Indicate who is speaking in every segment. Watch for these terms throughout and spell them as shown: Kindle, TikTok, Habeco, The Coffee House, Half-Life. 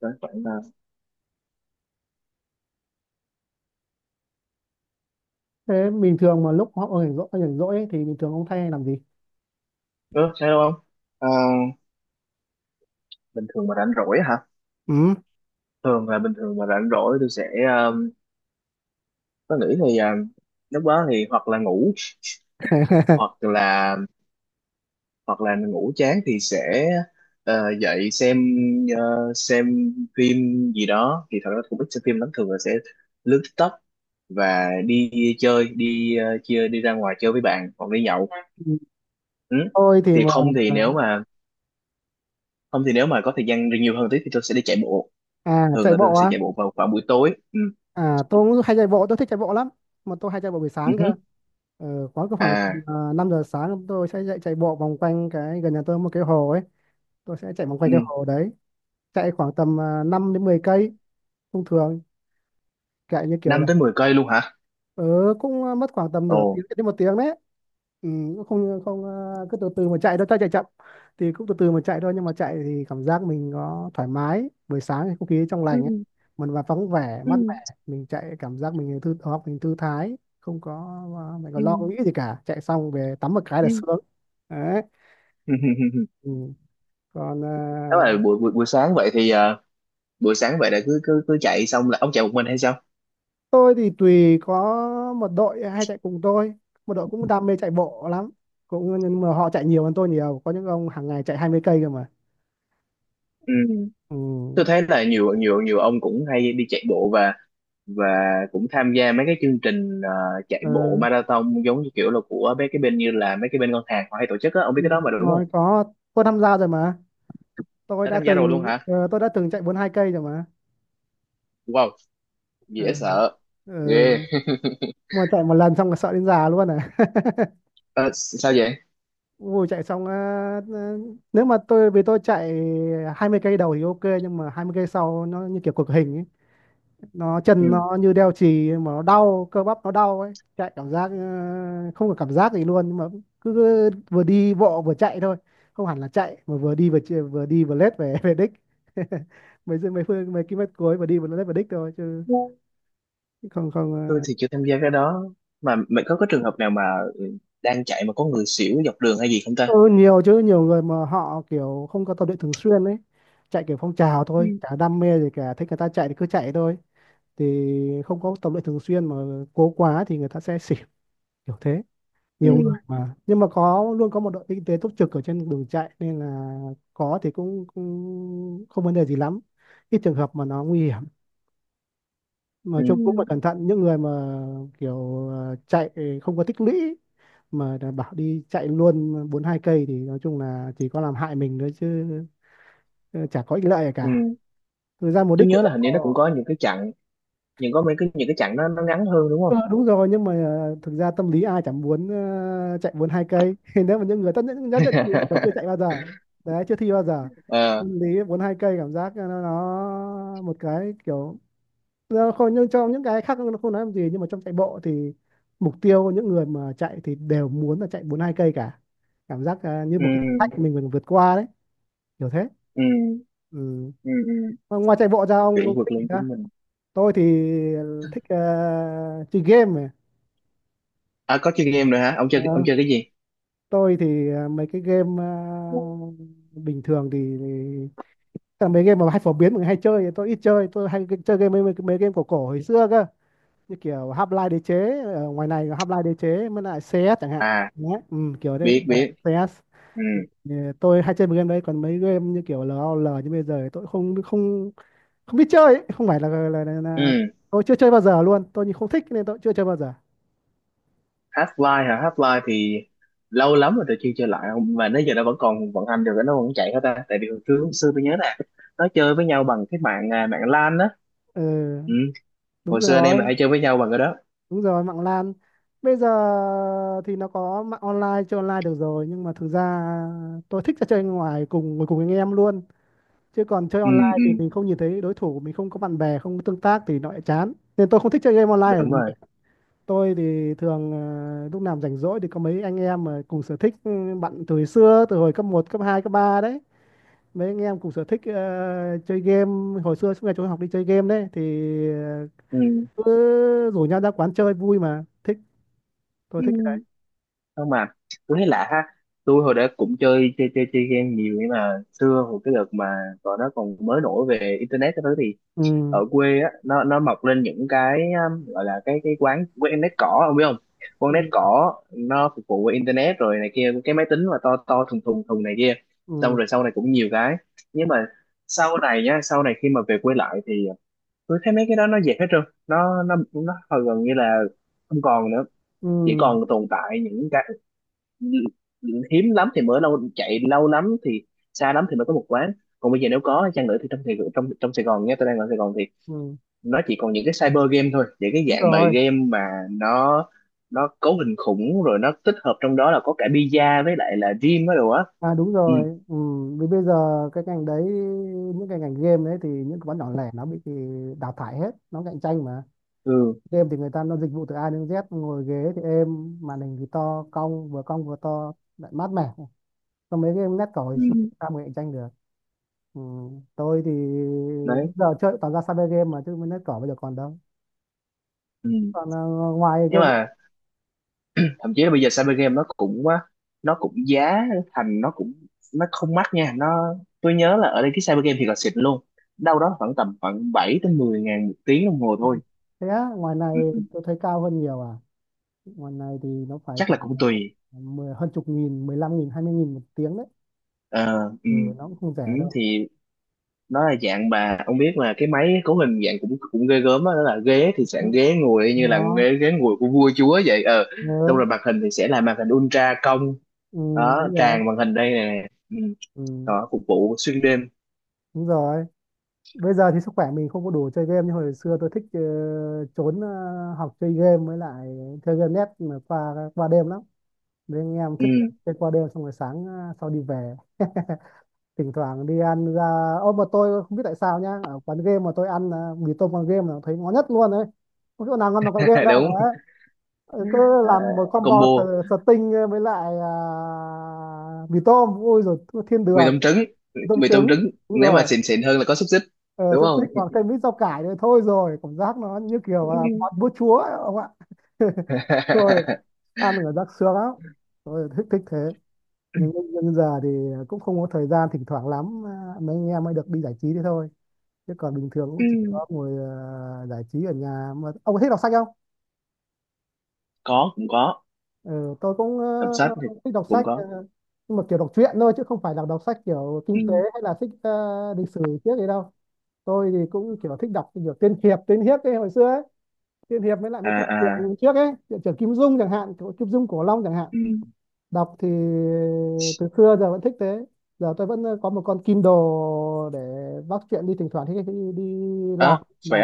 Speaker 1: Đoán khoảng là
Speaker 2: Thế bình thường mà lúc họ rảnh rỗi ấy, thì bình thường ông thay làm gì?
Speaker 1: ơ sao đâu không à, bình thường mà rảnh rỗi hả?
Speaker 2: Ừ.
Speaker 1: Thường là bình thường mà rảnh rỗi tôi sẽ um, có nghĩ thì lúc đó thì hoặc là ngủ, hoặc là, hoặc là ngủ chán thì sẽ dậy xem, xem phim gì đó. Thì thật ra cũng ít xem phim lắm, thường là sẽ lướt TikTok và đi chơi, đi chia đi ra ngoài chơi với bạn hoặc đi nhậu. Ừ.
Speaker 2: Tôi thì
Speaker 1: thì
Speaker 2: mà
Speaker 1: không thì nếu mà không thì nếu mà có thời gian nhiều hơn tí thì tôi sẽ đi chạy bộ.
Speaker 2: à
Speaker 1: Thường
Speaker 2: chạy
Speaker 1: là tôi
Speaker 2: bộ
Speaker 1: sẽ
Speaker 2: á.
Speaker 1: chạy bộ vào khoảng buổi tối. Ừ.
Speaker 2: À tôi cũng hay chạy bộ, tôi thích chạy bộ lắm. Mà tôi hay chạy bộ buổi
Speaker 1: Ừ,
Speaker 2: sáng cơ.
Speaker 1: hứ.
Speaker 2: Ờ, khoảng cứ khoảng
Speaker 1: À.
Speaker 2: uh, 5 giờ sáng tôi sẽ chạy chạy bộ vòng quanh cái gần nhà tôi có một cái hồ ấy. Tôi sẽ chạy vòng quanh
Speaker 1: Ừ.
Speaker 2: cái hồ đấy, chạy khoảng tầm 5 đến 10 cây thông thường, chạy như kiểu
Speaker 1: 5 tới 10 cây luôn hả?
Speaker 2: ừ, cũng mất khoảng tầm
Speaker 1: Ồ.
Speaker 2: nửa tiếng đến một tiếng đấy. Ừ, cũng không không ờ, cứ từ từ mà chạy đâu cho chạy chậm thì cũng từ từ mà chạy thôi, nhưng mà chạy thì cảm giác mình có thoải mái, buổi sáng thì không khí trong lành ấy. Mình và vắng vẻ, mát mẻ, mình chạy cảm giác mình thư đầu, mình thư thái, không có mình
Speaker 1: Ừ.
Speaker 2: còn lo nghĩ gì cả, chạy xong về tắm một cái là
Speaker 1: Ừ.
Speaker 2: sướng đấy. Ừ. Còn
Speaker 1: Nếu mà buổi buổi buổi sáng vậy thì buổi sáng vậy là cứ cứ cứ chạy xong là ông chạy một mình hay sao?
Speaker 2: tôi thì tùy, có một đội hay chạy cùng tôi, một đội cũng đam mê chạy bộ lắm, cũng nhưng mà họ chạy nhiều hơn tôi nhiều, có những ông hàng ngày chạy 20 cây cơ mà.
Speaker 1: Ừ. Ừ.
Speaker 2: Ừ.
Speaker 1: Tôi thấy là nhiều nhiều nhiều ông cũng hay đi chạy bộ, và cũng tham gia mấy cái chương trình chạy
Speaker 2: Ờ,
Speaker 1: bộ marathon, giống như kiểu là của mấy cái bên như là mấy cái bên ngân hàng họ hay tổ chức á, ông
Speaker 2: ừ,
Speaker 1: biết cái đó mà
Speaker 2: đúng
Speaker 1: đúng không?
Speaker 2: rồi, có, tôi tham gia rồi mà. Tôi
Speaker 1: Đã
Speaker 2: đã
Speaker 1: tham gia rồi luôn
Speaker 2: từng
Speaker 1: hả?
Speaker 2: tôi đã từng chạy 42 cây rồi mà.
Speaker 1: Wow, dễ
Speaker 2: Ừ.
Speaker 1: sợ.
Speaker 2: Ừ.
Speaker 1: Ghê.
Speaker 2: Mà chạy một lần xong là sợ đến già luôn à.
Speaker 1: Ờ, sao vậy?
Speaker 2: Ui, chạy xong ờ, nếu mà tôi, vì tôi chạy 20 cây đầu thì ok, nhưng mà 20 cây sau nó như kiểu cực hình, nó
Speaker 1: Ừ.
Speaker 2: chân nó như đeo chì mà nó đau, cơ bắp nó đau ấy, chạy cảm giác không có cảm giác gì luôn, nhưng mà cứ vừa đi bộ vừa chạy thôi, không hẳn là chạy mà vừa đi vừa vừa đi vừa lết về về đích. Mấy phương mấy km cuối vừa đi vừa lết về đích thôi, chứ không.
Speaker 1: Tôi thì chưa tham gia cái đó, mà mày có cái trường hợp nào mà đang chạy mà có người xỉu dọc đường hay gì không ta?
Speaker 2: Ừ, nhiều chứ, nhiều người mà họ kiểu không có tập luyện thường xuyên ấy, chạy kiểu phong trào thôi,
Speaker 1: ừ
Speaker 2: chả đam mê gì cả, thích người ta chạy thì cứ chạy thôi, thì không có tập luyện thường xuyên mà cố quá thì người ta sẽ xỉu, kiểu thế.
Speaker 1: ừ
Speaker 2: Nhiều người mà, nhưng mà có luôn, có một đội kinh tế túc trực ở trên đường chạy nên là có thì cũng không vấn đề gì lắm, ít trường hợp mà nó nguy hiểm, mà
Speaker 1: ừ ừ
Speaker 2: chung cũng phải
Speaker 1: ừ
Speaker 2: cẩn thận những người mà kiểu chạy không có tích lũy mà đã bảo đi chạy luôn 42 cây thì nói chung là chỉ có làm hại mình thôi chứ ờ, chả có ích lợi gì
Speaker 1: ừ
Speaker 2: cả.
Speaker 1: ừ
Speaker 2: Thực ra mục
Speaker 1: Tôi
Speaker 2: đích của
Speaker 1: nhớ là
Speaker 2: chạy
Speaker 1: hình như nó cũng
Speaker 2: bộ.
Speaker 1: có những cái chặng, nhưng có mấy cái những cái chặng nó ngắn hơn đúng
Speaker 2: Ờ,
Speaker 1: không?
Speaker 2: đúng rồi, nhưng mà thực ra tâm lý ai chẳng muốn chạy 42 cây, nếu mà những người tất nhiên nhất định người còn chưa chạy bao giờ đấy, chưa thi bao giờ,
Speaker 1: Ờ.
Speaker 2: tâm lý 42 cây cảm giác nó một cái kiểu, nó không, nhưng trong những cái khác nó không nói làm gì, nhưng mà trong chạy bộ thì mục tiêu của những người mà chạy thì đều muốn là chạy 42 cây cả, cảm giác như một cái thử
Speaker 1: Ừ.
Speaker 2: thách mình vượt qua đấy, kiểu thế.
Speaker 1: Ừ.
Speaker 2: Ừ.
Speaker 1: Ừ. Ừ.
Speaker 2: Mà ngoài chạy bộ ra
Speaker 1: Kiểu
Speaker 2: ông
Speaker 1: vượt
Speaker 2: thích gì
Speaker 1: lên
Speaker 2: nữa?
Speaker 1: chính mình.
Speaker 2: Tôi thì ờ, thích ờ, chơi game này.
Speaker 1: À, có chơi game rồi hả? Ông
Speaker 2: Ờ,
Speaker 1: chơi, ông chơi cái gì?
Speaker 2: tôi thì mấy cái game, bình thường thì tức là mấy game mà hay phổ biến mọi người hay chơi thì tôi ít chơi, tôi hay chơi game mấy game cổ cổ hồi xưa cơ, như kiểu Half-Life, đế chế, ở ngoài này có Half-Life, đế chế, mới lại CS chẳng hạn.
Speaker 1: À,
Speaker 2: Đấy, ừ, kiểu đấy.
Speaker 1: biết biết.
Speaker 2: CS.
Speaker 1: Ừ.
Speaker 2: Thì tôi hay chơi mấy game đấy, còn mấy game như kiểu LOL như bây giờ thì tôi không không không biết chơi ấy. Không phải là
Speaker 1: Ừ.
Speaker 2: tôi chưa chơi bao giờ luôn, tôi không thích nên tôi chưa chơi bao giờ.
Speaker 1: Half-Life hả? Half-Life thì lâu lắm rồi tôi chưa chơi lại. Không mà đến giờ nó vẫn còn vận hành được, nó vẫn chạy hết ta? Tại vì hồi trước hồi xưa tôi nhớ là nó chơi với nhau bằng cái mạng, à, mạng LAN á.
Speaker 2: Ừ,
Speaker 1: Ừ.
Speaker 2: đúng
Speaker 1: Hồi xưa anh em là
Speaker 2: rồi.
Speaker 1: hay chơi với nhau bằng cái đó.
Speaker 2: Đúng rồi, mạng LAN. Bây giờ thì nó có mạng online, chơi online được rồi, nhưng mà thực ra tôi thích là chơi ngoài, cùng ngồi cùng anh em luôn. Chứ còn chơi
Speaker 1: Ừ,
Speaker 2: online
Speaker 1: ừ.
Speaker 2: thì mình không nhìn thấy đối thủ, mình không có bạn bè, không có tương tác thì nó lại chán. Nên tôi không thích chơi game online là
Speaker 1: Đúng
Speaker 2: vì vậy.
Speaker 1: rồi.
Speaker 2: Tôi thì thường lúc nào rảnh rỗi thì có mấy anh em mà cùng sở thích, ừ, bạn từ hồi xưa, từ hồi cấp một, cấp hai, cấp 3 đấy. Mấy anh em cùng sở thích chơi game, hồi xưa suốt ngày trốn học đi chơi game đấy thì ờ,
Speaker 1: Ừ,
Speaker 2: cứ rủ nhau ra quán chơi vui mà thích, tôi
Speaker 1: ừ.
Speaker 2: thích.
Speaker 1: Không mà tôi thấy lạ ha, tôi hồi đó cũng chơi chơi chơi chơi game nhiều nhưng mà xưa hồi cái đợt mà còn nó còn mới nổi về internet cái thứ thì
Speaker 2: Ừ
Speaker 1: ở quê á, nó mọc lên những cái gọi là cái quán quán nét cỏ, ông biết không? Quán nét
Speaker 2: ừ
Speaker 1: cỏ nó phục vụ qua internet rồi này kia, cái máy tính mà to to thùng thùng thùng này kia. Xong
Speaker 2: ừ.
Speaker 1: rồi sau này cũng nhiều cái, nhưng mà sau này nhá, sau này khi mà về quê lại thì tôi thấy mấy cái đó nó dẹp hết trơn, nó nó hầu gần như là không còn nữa. Chỉ
Speaker 2: Ừ
Speaker 1: còn tồn tại những cái hiếm lắm thì mới lâu chạy lâu lắm thì xa lắm thì mới có một quán. Còn bây giờ nếu có chăng nữa thì trong Sài Gòn nhé, tôi đang ở Sài Gòn,
Speaker 2: ừ.
Speaker 1: nó chỉ còn những cái cyber game thôi, những cái
Speaker 2: Đúng
Speaker 1: dạng mà
Speaker 2: rồi.
Speaker 1: game mà nó nó cấu hình khủng, rồi nó tích hợp trong đó là có cả pizza với lại là gym á đồ á.
Speaker 2: À đúng
Speaker 1: Ừ.
Speaker 2: rồi. Ừ. Vì bây giờ cái ngành đấy, những cái ngành game đấy thì những cái quán nhỏ lẻ nó bị thì đào thải hết, nó cạnh tranh mà,
Speaker 1: Ừ.
Speaker 2: game thì người ta nó dịch vụ từ A đến Z, ngồi ghế thì êm, màn hình thì to cong, vừa cong vừa to, lại mát mẻ, còn mấy game nét cỏ hồi
Speaker 1: Ừ.
Speaker 2: xưa thì sao mà cạnh tranh được. Ừ. Tôi thì
Speaker 1: Đấy.
Speaker 2: giờ chơi toàn ra cyber game mà, chứ nét cỏ bây giờ còn đâu.
Speaker 1: Ừ.
Speaker 2: Còn ngoài
Speaker 1: Nhưng
Speaker 2: game.
Speaker 1: mà thậm chí là bây giờ cyber game nó cũng á, nó cũng giá thành nó cũng, nó không mắc nha. Nó, tôi nhớ là ở đây cái cyber game thì còn xịn luôn, đâu đó khoảng tầm khoảng 7 tới 10 ngàn một tiếng đồng hồ thôi.
Speaker 2: Thế á, ngoài này
Speaker 1: Ừ.
Speaker 2: tôi thấy cao hơn nhiều à. Ngoài này thì nó phải
Speaker 1: Chắc là
Speaker 2: tầm
Speaker 1: cũng tùy.
Speaker 2: 10, hơn chục nghìn, 10 lăm nghìn, 20 nghìn một tiếng đấy.
Speaker 1: Ờ. Ừ.
Speaker 2: Ừ, nó cũng không
Speaker 1: Ừ.
Speaker 2: rẻ đâu.
Speaker 1: Thì nó là dạng bà, ông biết là cái máy cấu hình dạng cũng cũng ghê gớm á, đó là ghế thì
Speaker 2: Ừ,
Speaker 1: dạng ghế ngồi y như là
Speaker 2: Nó,
Speaker 1: ghế ghế ngồi của vua chúa vậy. Ờ, xong
Speaker 2: ừ,
Speaker 1: rồi màn hình thì sẽ là màn hình ultra cong,
Speaker 2: ừ,
Speaker 1: đó
Speaker 2: đúng rồi.
Speaker 1: tràn màn hình đây nè. Ừ.
Speaker 2: Ừ,
Speaker 1: Đó, phục vụ xuyên đêm.
Speaker 2: đúng rồi. Bây giờ thì sức khỏe mình không có đủ chơi game như hồi xưa. Tôi thích trốn học chơi game, với lại chơi game net mà qua qua đêm lắm. Nên anh em
Speaker 1: Ừ.
Speaker 2: thức chơi qua đêm xong rồi sáng sau đi về. Thỉnh thoảng đi ăn ra, ô mà tôi không biết tại sao nhá, ở quán game mà tôi ăn mì tôm quán game là thấy ngon nhất luôn đấy. Không chỗ nào ngon bằng quán game đâu.
Speaker 1: Đúng.
Speaker 2: Ờ, cứ
Speaker 1: Ờ,
Speaker 2: làm một combo
Speaker 1: combo
Speaker 2: sờ- sờ tinh với lại mì tôm, ôi rồi, thiên
Speaker 1: mì
Speaker 2: đường,
Speaker 1: tôm trứng.
Speaker 2: mì tôm
Speaker 1: Mì tôm
Speaker 2: trứng.
Speaker 1: trứng
Speaker 2: Đúng
Speaker 1: nếu mà
Speaker 2: rồi,
Speaker 1: xịn xịn hơn là có xúc xích,
Speaker 2: ờ,
Speaker 1: đúng
Speaker 2: xúc xích
Speaker 1: không?
Speaker 2: còn thêm ít rau cải nữa thôi rồi, cảm giác nó như kiểu là
Speaker 1: Ừ.
Speaker 2: món bữa chúa ấy, ông ạ. Rồi, ăn ở giác sướng lắm, tôi thích thích thế. Nhưng giờ thì cũng không có thời gian, thỉnh thoảng lắm mấy anh em mới được đi giải trí thế thôi, chứ còn bình thường
Speaker 1: Ừ.
Speaker 2: cũng chỉ có ngồi giải trí ở nhà. Mà ông có thích đọc sách không?
Speaker 1: Có, cũng có.
Speaker 2: Ừ, tôi cũng
Speaker 1: Đọc
Speaker 2: ờ,
Speaker 1: sách thì
Speaker 2: thích đọc
Speaker 1: cũng
Speaker 2: sách,
Speaker 1: có.
Speaker 2: nhưng mà kiểu đọc truyện thôi, chứ không phải là đọc sách kiểu
Speaker 1: Ừ.
Speaker 2: kinh tế hay là thích lịch sử trước gì đâu. Tôi thì cũng kiểu thích đọc kiểu tiên hiệp, ấy hồi xưa ấy, tiên hiệp mới lại
Speaker 1: À
Speaker 2: mấy chuyện
Speaker 1: à.
Speaker 2: trường trước ấy, chuyện trường Kim Dung chẳng hạn, của Kim Dung, Cổ Long chẳng hạn,
Speaker 1: Ừ.
Speaker 2: đọc thì từ xưa giờ vẫn thích thế. Giờ tôi vẫn có một con Kindle để bắt chuyện đi, thỉnh thoảng đi làm
Speaker 1: À,
Speaker 2: là
Speaker 1: khỏe.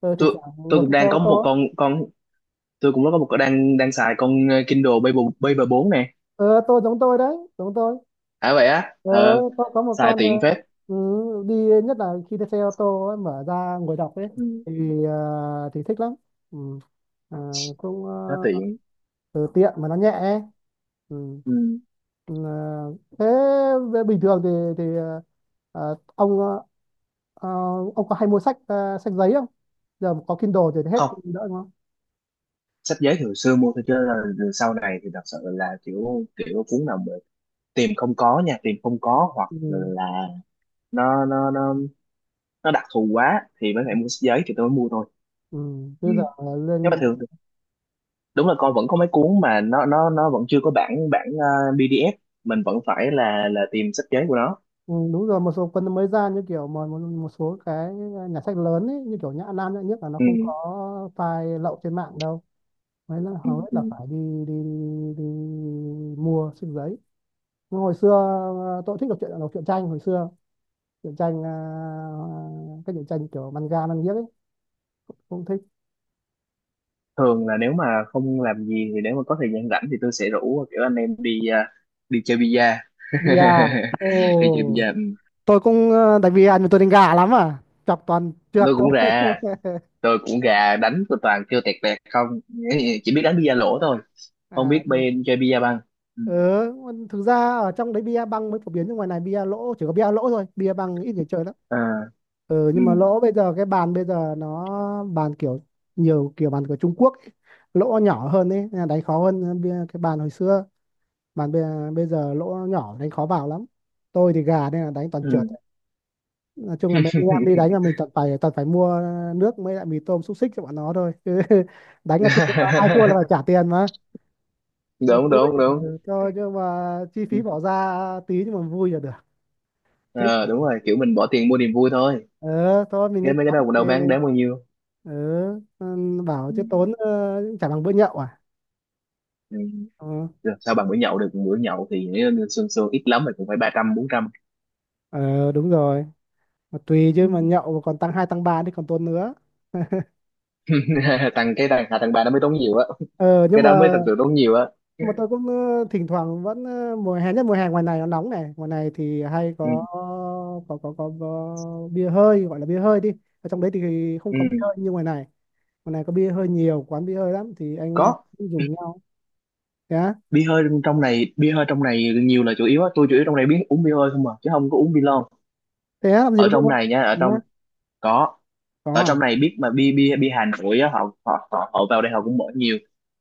Speaker 2: tôi thỉnh
Speaker 1: tôi
Speaker 2: thoảng
Speaker 1: tôi
Speaker 2: ngồi
Speaker 1: cũng
Speaker 2: trên xe
Speaker 1: đang có
Speaker 2: ô
Speaker 1: một
Speaker 2: tô.
Speaker 1: con, tôi cũng có một con đang đang xài con Kindle Paper Paper 4 nè.
Speaker 2: Ờ tôi giống tôi đấy, giống tôi.
Speaker 1: À vậy á?
Speaker 2: Ờ,
Speaker 1: Ờ,
Speaker 2: có một
Speaker 1: xài
Speaker 2: con
Speaker 1: tiện phết.
Speaker 2: ừ, đi, nhất là khi đi xe ô tô ấy, mở ra ngồi đọc ấy
Speaker 1: Ừ,
Speaker 2: thì thì thích lắm. Ừ. À, cũng
Speaker 1: nó
Speaker 2: ờ,
Speaker 1: tiện.
Speaker 2: từ tiện mà nó nhẹ ấy. Ừ.
Speaker 1: Ừ.
Speaker 2: Ừ, ờ, thế về bình thường thì ờ, ông ờ, ờ, ông có hay mua sách, sách giấy không? Giờ mà có Kindle rồi thì hết
Speaker 1: Không,
Speaker 2: đỡ đúng không.
Speaker 1: sách giấy thì hồi xưa mua thôi chứ là sau này thì thật sự là kiểu kiểu cuốn nào mà tìm không có nha, tìm không có hoặc là
Speaker 2: Ừ.
Speaker 1: nó nó đặc thù quá thì mới phải mua sách giấy thì tôi mới mua thôi.
Speaker 2: Ừ.
Speaker 1: Ừ.
Speaker 2: Bây giờ
Speaker 1: Nhưng mà
Speaker 2: lên.
Speaker 1: thường đúng là con vẫn có mấy cuốn mà nó nó vẫn chưa có bản bản PDF, mình vẫn phải là tìm sách giấy của nó.
Speaker 2: Ừ, đúng rồi, một số cuốn mới ra, như kiểu mà một số cái nhà sách lớn ấy, như kiểu Nhã Nam, Nhã Nhất là nó
Speaker 1: Ừ.
Speaker 2: không có file lậu trên mạng đâu, đấy là
Speaker 1: Ừ,
Speaker 2: hầu hết
Speaker 1: ừ.
Speaker 2: là phải đi đi đi mua sách giấy. Nhưng hồi xưa tôi thích đọc truyện, đọc truyện tranh hồi xưa, truyện tranh các truyện tranh kiểu manga manga ấy, cũng thích.
Speaker 1: Thường là nếu mà không làm gì thì nếu mà có thời gian rảnh thì tôi sẽ rủ kiểu anh em đi đi chơi bida.
Speaker 2: Bia. Ồ,
Speaker 1: Đi chơi bida. Ừ,
Speaker 2: tôi cũng đánh bia nhưng tôi đánh gà lắm à, chọc toàn trượt
Speaker 1: tôi cũng
Speaker 2: thôi.
Speaker 1: ra, tôi cũng gà, đánh tôi toàn kêu tẹt tẹt không, chỉ biết đánh bida lỗ thôi, không biết
Speaker 2: À.
Speaker 1: bên chơi bida băng. Ừ.
Speaker 2: Ừ, thực ra ở trong đấy bia băng mới phổ biến, nhưng ngoài này bia lỗ, chỉ có bia lỗ thôi, bia băng ít người chơi lắm.
Speaker 1: À.
Speaker 2: Ừ,
Speaker 1: Ừ.
Speaker 2: nhưng mà lỗ bây giờ cái bàn bây giờ nó bàn kiểu nhiều kiểu bàn của Trung Quốc ấy. Lỗ nhỏ hơn ấy nên là đánh khó hơn bia cái bàn hồi xưa. bàn bây, Bây giờ lỗ nhỏ đánh khó vào lắm. Tôi thì gà nên là đánh toàn trượt.
Speaker 1: Ừ.
Speaker 2: Nói chung là mấy anh em đi đánh là mình toàn phải mua nước mới lại mì tôm xúc xích cho bọn nó thôi. Chứ đánh là thua, ai thua là phải trả tiền mà
Speaker 1: Đúng
Speaker 2: vui.
Speaker 1: đúng đúng.
Speaker 2: Ừ, thôi nhưng mà chi phí bỏ ra tí nhưng mà vui là được. Thích.
Speaker 1: Ờ, đúng rồi, kiểu mình bỏ tiền mua niềm vui thôi.
Speaker 2: Ờ Thôi mình
Speaker 1: Cái
Speaker 2: lấy cái
Speaker 1: mấy cái
Speaker 2: đóng
Speaker 1: đó cũng đâu
Speaker 2: thì.
Speaker 1: bán đáng bao nhiêu.
Speaker 2: ờ ừ, bảo
Speaker 1: Ừ.
Speaker 2: chứ tốn, chả bằng bữa nhậu à.
Speaker 1: Ừ.
Speaker 2: ờ
Speaker 1: Được, sao bằng bữa nhậu được, bữa nhậu thì nếu như sương sương ít lắm thì cũng phải ba trăm bốn trăm.
Speaker 2: Ờ, đúng rồi. Mà tùy
Speaker 1: Ừ.
Speaker 2: chứ mà nhậu mà còn tăng hai tăng ba thì còn tốn nữa.
Speaker 1: Thằng cái đàn hạ thằng bà nó mới tốn nhiều á,
Speaker 2: ờ nhưng
Speaker 1: cái
Speaker 2: mà
Speaker 1: đó mới thật sự tốn nhiều á.
Speaker 2: nhưng mà tôi cũng, thỉnh thoảng vẫn, mùa hè, nhất mùa hè ngoài này nó nóng này, ngoài này thì hay
Speaker 1: Ừ.
Speaker 2: có bia hơi, gọi là bia hơi đi. Ở trong đấy thì không
Speaker 1: Ừ.
Speaker 2: có bia hơi như ngoài này. Còn này có bia hơi nhiều, quán bia hơi lắm thì anh
Speaker 1: Có.
Speaker 2: em cũng rủ nhau. Thế á?
Speaker 1: Bia hơi trong này, bia hơi trong này nhiều là chủ yếu á, tôi chủ yếu trong này biết uống bia hơi không mà, chứ không có uống bia lon.
Speaker 2: Thế á, làm gì
Speaker 1: Ở
Speaker 2: có bia
Speaker 1: trong
Speaker 2: hơi?
Speaker 1: này nha, ở
Speaker 2: Nhá.
Speaker 1: trong. Có.
Speaker 2: Có
Speaker 1: Ở
Speaker 2: à?
Speaker 1: trong này biết mà, bia bia bia Hà Nội á, họ họ vào đây họ cũng mở nhiều,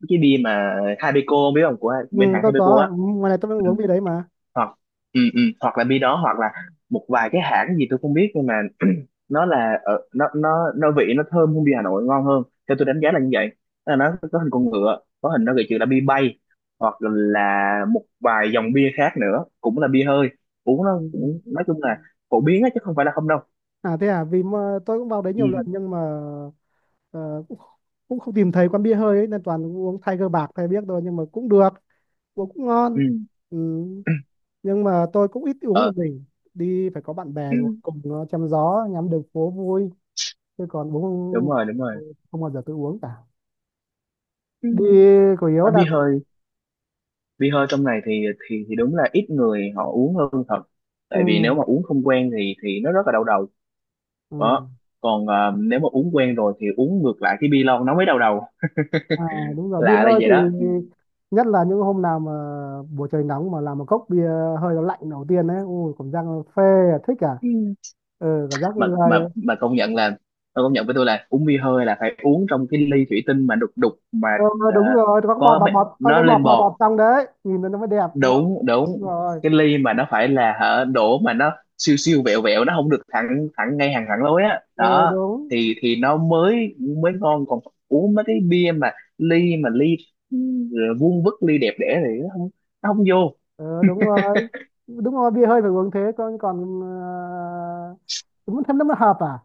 Speaker 1: cái bia mà Habeco, biết không, của
Speaker 2: Ừ,
Speaker 1: bên hãng
Speaker 2: tôi
Speaker 1: Habeco
Speaker 2: có.
Speaker 1: á.
Speaker 2: Ừ, ngoài này tôi vẫn uống
Speaker 1: Ừ.
Speaker 2: bia đấy mà.
Speaker 1: Hoặc, ừ, ừ, hoặc là bi đó hoặc là một vài cái hãng gì tôi không biết, nhưng mà nó là ở nó nó vị nó thơm hơn bia Hà Nội, ngon hơn, theo tôi đánh giá là như vậy. Tức là nó có hình con ngựa, có hình nó gợi chữ là bia bay, hoặc là một vài dòng bia khác nữa cũng là bia hơi, uống nó
Speaker 2: Ừ.
Speaker 1: cũng nói chung là phổ biến á, chứ không phải là không đâu.
Speaker 2: À thế à, vì mà tôi cũng vào đấy
Speaker 1: Ừ.
Speaker 2: nhiều lần nhưng mà, ờ, cũng, cũng không tìm thấy quán bia hơi ấy, nên toàn uống Tiger bạc thay biết thôi nhưng mà cũng được, uống cũng ngon.
Speaker 1: Ừ.
Speaker 2: Ừ. Nhưng mà tôi cũng ít uống
Speaker 1: Ờ.
Speaker 2: một mình, đi phải có bạn bè ngồi
Speaker 1: Ừ.
Speaker 2: cùng nó chém gió, ngắm đường phố vui. Chứ còn
Speaker 1: Đúng
Speaker 2: uống
Speaker 1: rồi, đúng rồi.
Speaker 2: không bao giờ tôi uống cả.
Speaker 1: Ừ.
Speaker 2: Đi chủ yếu
Speaker 1: À,
Speaker 2: là.
Speaker 1: bia hơi, bia hơi trong này thì thì đúng là ít người họ uống hơn thật, tại vì nếu
Speaker 2: Ừ.
Speaker 1: mà uống không quen thì nó rất là đau đầu.
Speaker 2: Ừ.
Speaker 1: Đó. Còn nếu mà uống quen rồi thì uống ngược lại cái bia lon nó mới đau đầu,
Speaker 2: À, đúng rồi bia
Speaker 1: lạ là
Speaker 2: hơi
Speaker 1: vậy
Speaker 2: thì
Speaker 1: đó.
Speaker 2: nhất là những hôm nào mà buổi trời nóng mà làm một cốc bia hơi nó lạnh đầu tiên đấy, ui cảm giác nó phê. À, thích à. Ừ, cảm giác
Speaker 1: Mà
Speaker 2: người.
Speaker 1: mà công nhận là, tôi công nhận với tôi là uống bia hơi là phải uống trong cái ly thủy tinh mà đục đục mà,
Speaker 2: Ừ,
Speaker 1: à,
Speaker 2: đúng rồi, có cái bọt
Speaker 1: có
Speaker 2: bọt
Speaker 1: mấy-
Speaker 2: bọt có
Speaker 1: nó
Speaker 2: cái bọt
Speaker 1: lên
Speaker 2: bọt bọt
Speaker 1: bọt.
Speaker 2: trong đấy, nhìn nó mới đẹp đúng không.
Speaker 1: Đúng
Speaker 2: Đúng
Speaker 1: đúng.
Speaker 2: rồi.
Speaker 1: Cái ly mà nó phải là hả đổ mà nó siêu siêu vẹo vẹo, nó không được thẳng thẳng ngay hàng thẳng lối á
Speaker 2: Ừ,
Speaker 1: đó,
Speaker 2: đúng.
Speaker 1: thì nó mới mới ngon. Còn uống mấy cái bia mà ly mà ly, ừ, vuông vức ly đẹp đẽ thì nó không, nó không vô.
Speaker 2: Ừ, đúng rồi, đúng rồi bia hơi phải uống thế, còn còn ờ, đúng thêm nó mới hợp à,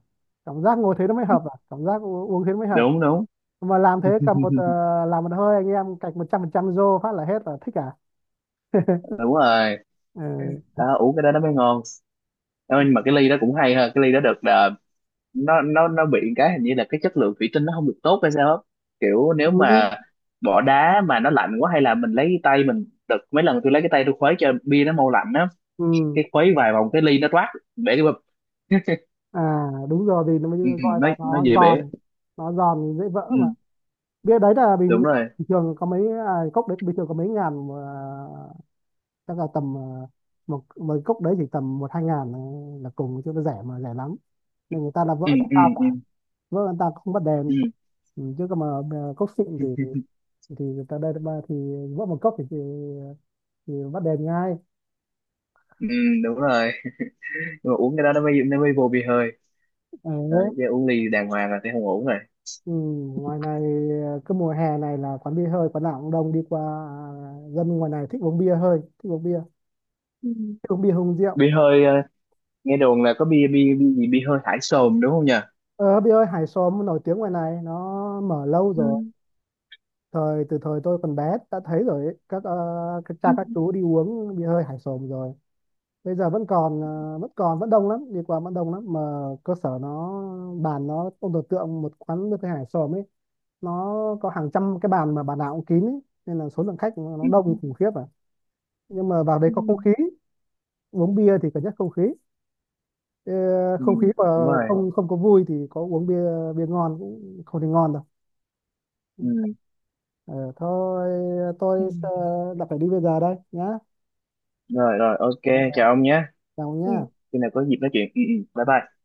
Speaker 2: cảm giác ngồi thế nó mới hợp à, cảm giác uống thế nó mới hợp.
Speaker 1: Đúng đúng.
Speaker 2: Mà làm thế cầm một, làm một hơi, anh em cạch 100% rô phát là hết là thích à.
Speaker 1: Đúng rồi.
Speaker 2: Ừ.
Speaker 1: Đó, uống cái đó nó mới ngon. Đó, nhưng mà cái ly đó cũng hay ha, cái ly đó được là nó nó bị cái, hình như là cái chất lượng thủy tinh nó không được tốt hay sao á. Kiểu nếu
Speaker 2: Ừ.
Speaker 1: mà bỏ đá mà nó lạnh quá, hay là mình lấy tay mình, đợt mấy lần tôi lấy cái tay tôi khuấy cho bia nó mau lạnh á,
Speaker 2: Ừ.
Speaker 1: cái khuấy vài vòng cái ly nó toát bể cái bụp.
Speaker 2: À đúng rồi, vì nó mới
Speaker 1: Ừ,
Speaker 2: gọi
Speaker 1: nó
Speaker 2: là
Speaker 1: nó
Speaker 2: nó
Speaker 1: dễ bể.
Speaker 2: giòn, nó giòn dễ vỡ
Speaker 1: Ừ,
Speaker 2: mà. Bia đấy là
Speaker 1: đúng
Speaker 2: bình,
Speaker 1: rồi.
Speaker 2: bình thường có mấy, cốc đấy bình thường có mấy ngàn mà, chắc là tầm, một một cốc đấy chỉ tầm một hai ngàn là cùng, chứ nó rẻ mà rẻ lắm nên người ta là
Speaker 1: Ừ,
Speaker 2: vỡ chẳng
Speaker 1: ừ,
Speaker 2: sao
Speaker 1: ừ,
Speaker 2: cả. Vỡ người ta không bật
Speaker 1: ừ,
Speaker 2: đèn. Ừ. Chứ còn mà, cốc xịn thì người ta đây thì vỡ một cốc thì bắt đèn ngay.
Speaker 1: ừ, đúng rồi. Nhưng mà uống cái đó nó mới, nó mới vô bia hơi.
Speaker 2: Ừ,
Speaker 1: Đấy, chứ uống ly đàng hoàng là sẽ không ổn rồi.
Speaker 2: ừ, ngoài này, cứ mùa hè này là quán bia hơi quán nào cũng đông đi qua, à, dân ngoài này thích uống bia hơi, thích uống bia,
Speaker 1: Ừ.
Speaker 2: thích uống bia hùng rượu.
Speaker 1: Bia hơi nghe đồn là có bia bia bia gì bia hơi thải sồn, đúng không nhỉ?
Speaker 2: Ờ Bia hơi hải xóm nổi tiếng ngoài này, nó mở lâu rồi.
Speaker 1: Ừ.
Speaker 2: Từ thời tôi còn bé đã thấy rồi ấy. Các cha
Speaker 1: Ừ,
Speaker 2: các chú đi uống bia hơi hải xóm rồi. Bây giờ vẫn còn, vẫn còn vẫn đông lắm, đi qua vẫn đông lắm mà. Cơ sở nó bàn nó, ông tưởng tượng một quán bia hơi hải xóm ấy, nó có hàng trăm cái bàn mà bàn nào cũng kín ấy. Nên là số lượng khách nó
Speaker 1: ừ,
Speaker 2: đông khủng khiếp à, nhưng mà vào đấy có không khí, uống bia thì cần nhất không khí. Ờ,
Speaker 1: ừ,
Speaker 2: không khí mà,
Speaker 1: đúng rồi.
Speaker 2: không không có vui thì có uống bia bia ngon cũng không thì ngon đâu.
Speaker 1: Ừ.
Speaker 2: Ờ, thôi
Speaker 1: Ừ.
Speaker 2: tôi, đã phải đi bây giờ đây nhá.
Speaker 1: Rồi rồi, ok.
Speaker 2: Dạ,
Speaker 1: Chào ông nhé.
Speaker 2: chào nhá.
Speaker 1: Ừ.
Speaker 2: Ừ.
Speaker 1: Khi nào có dịp nói chuyện. Ừ, ừ. Bye bye.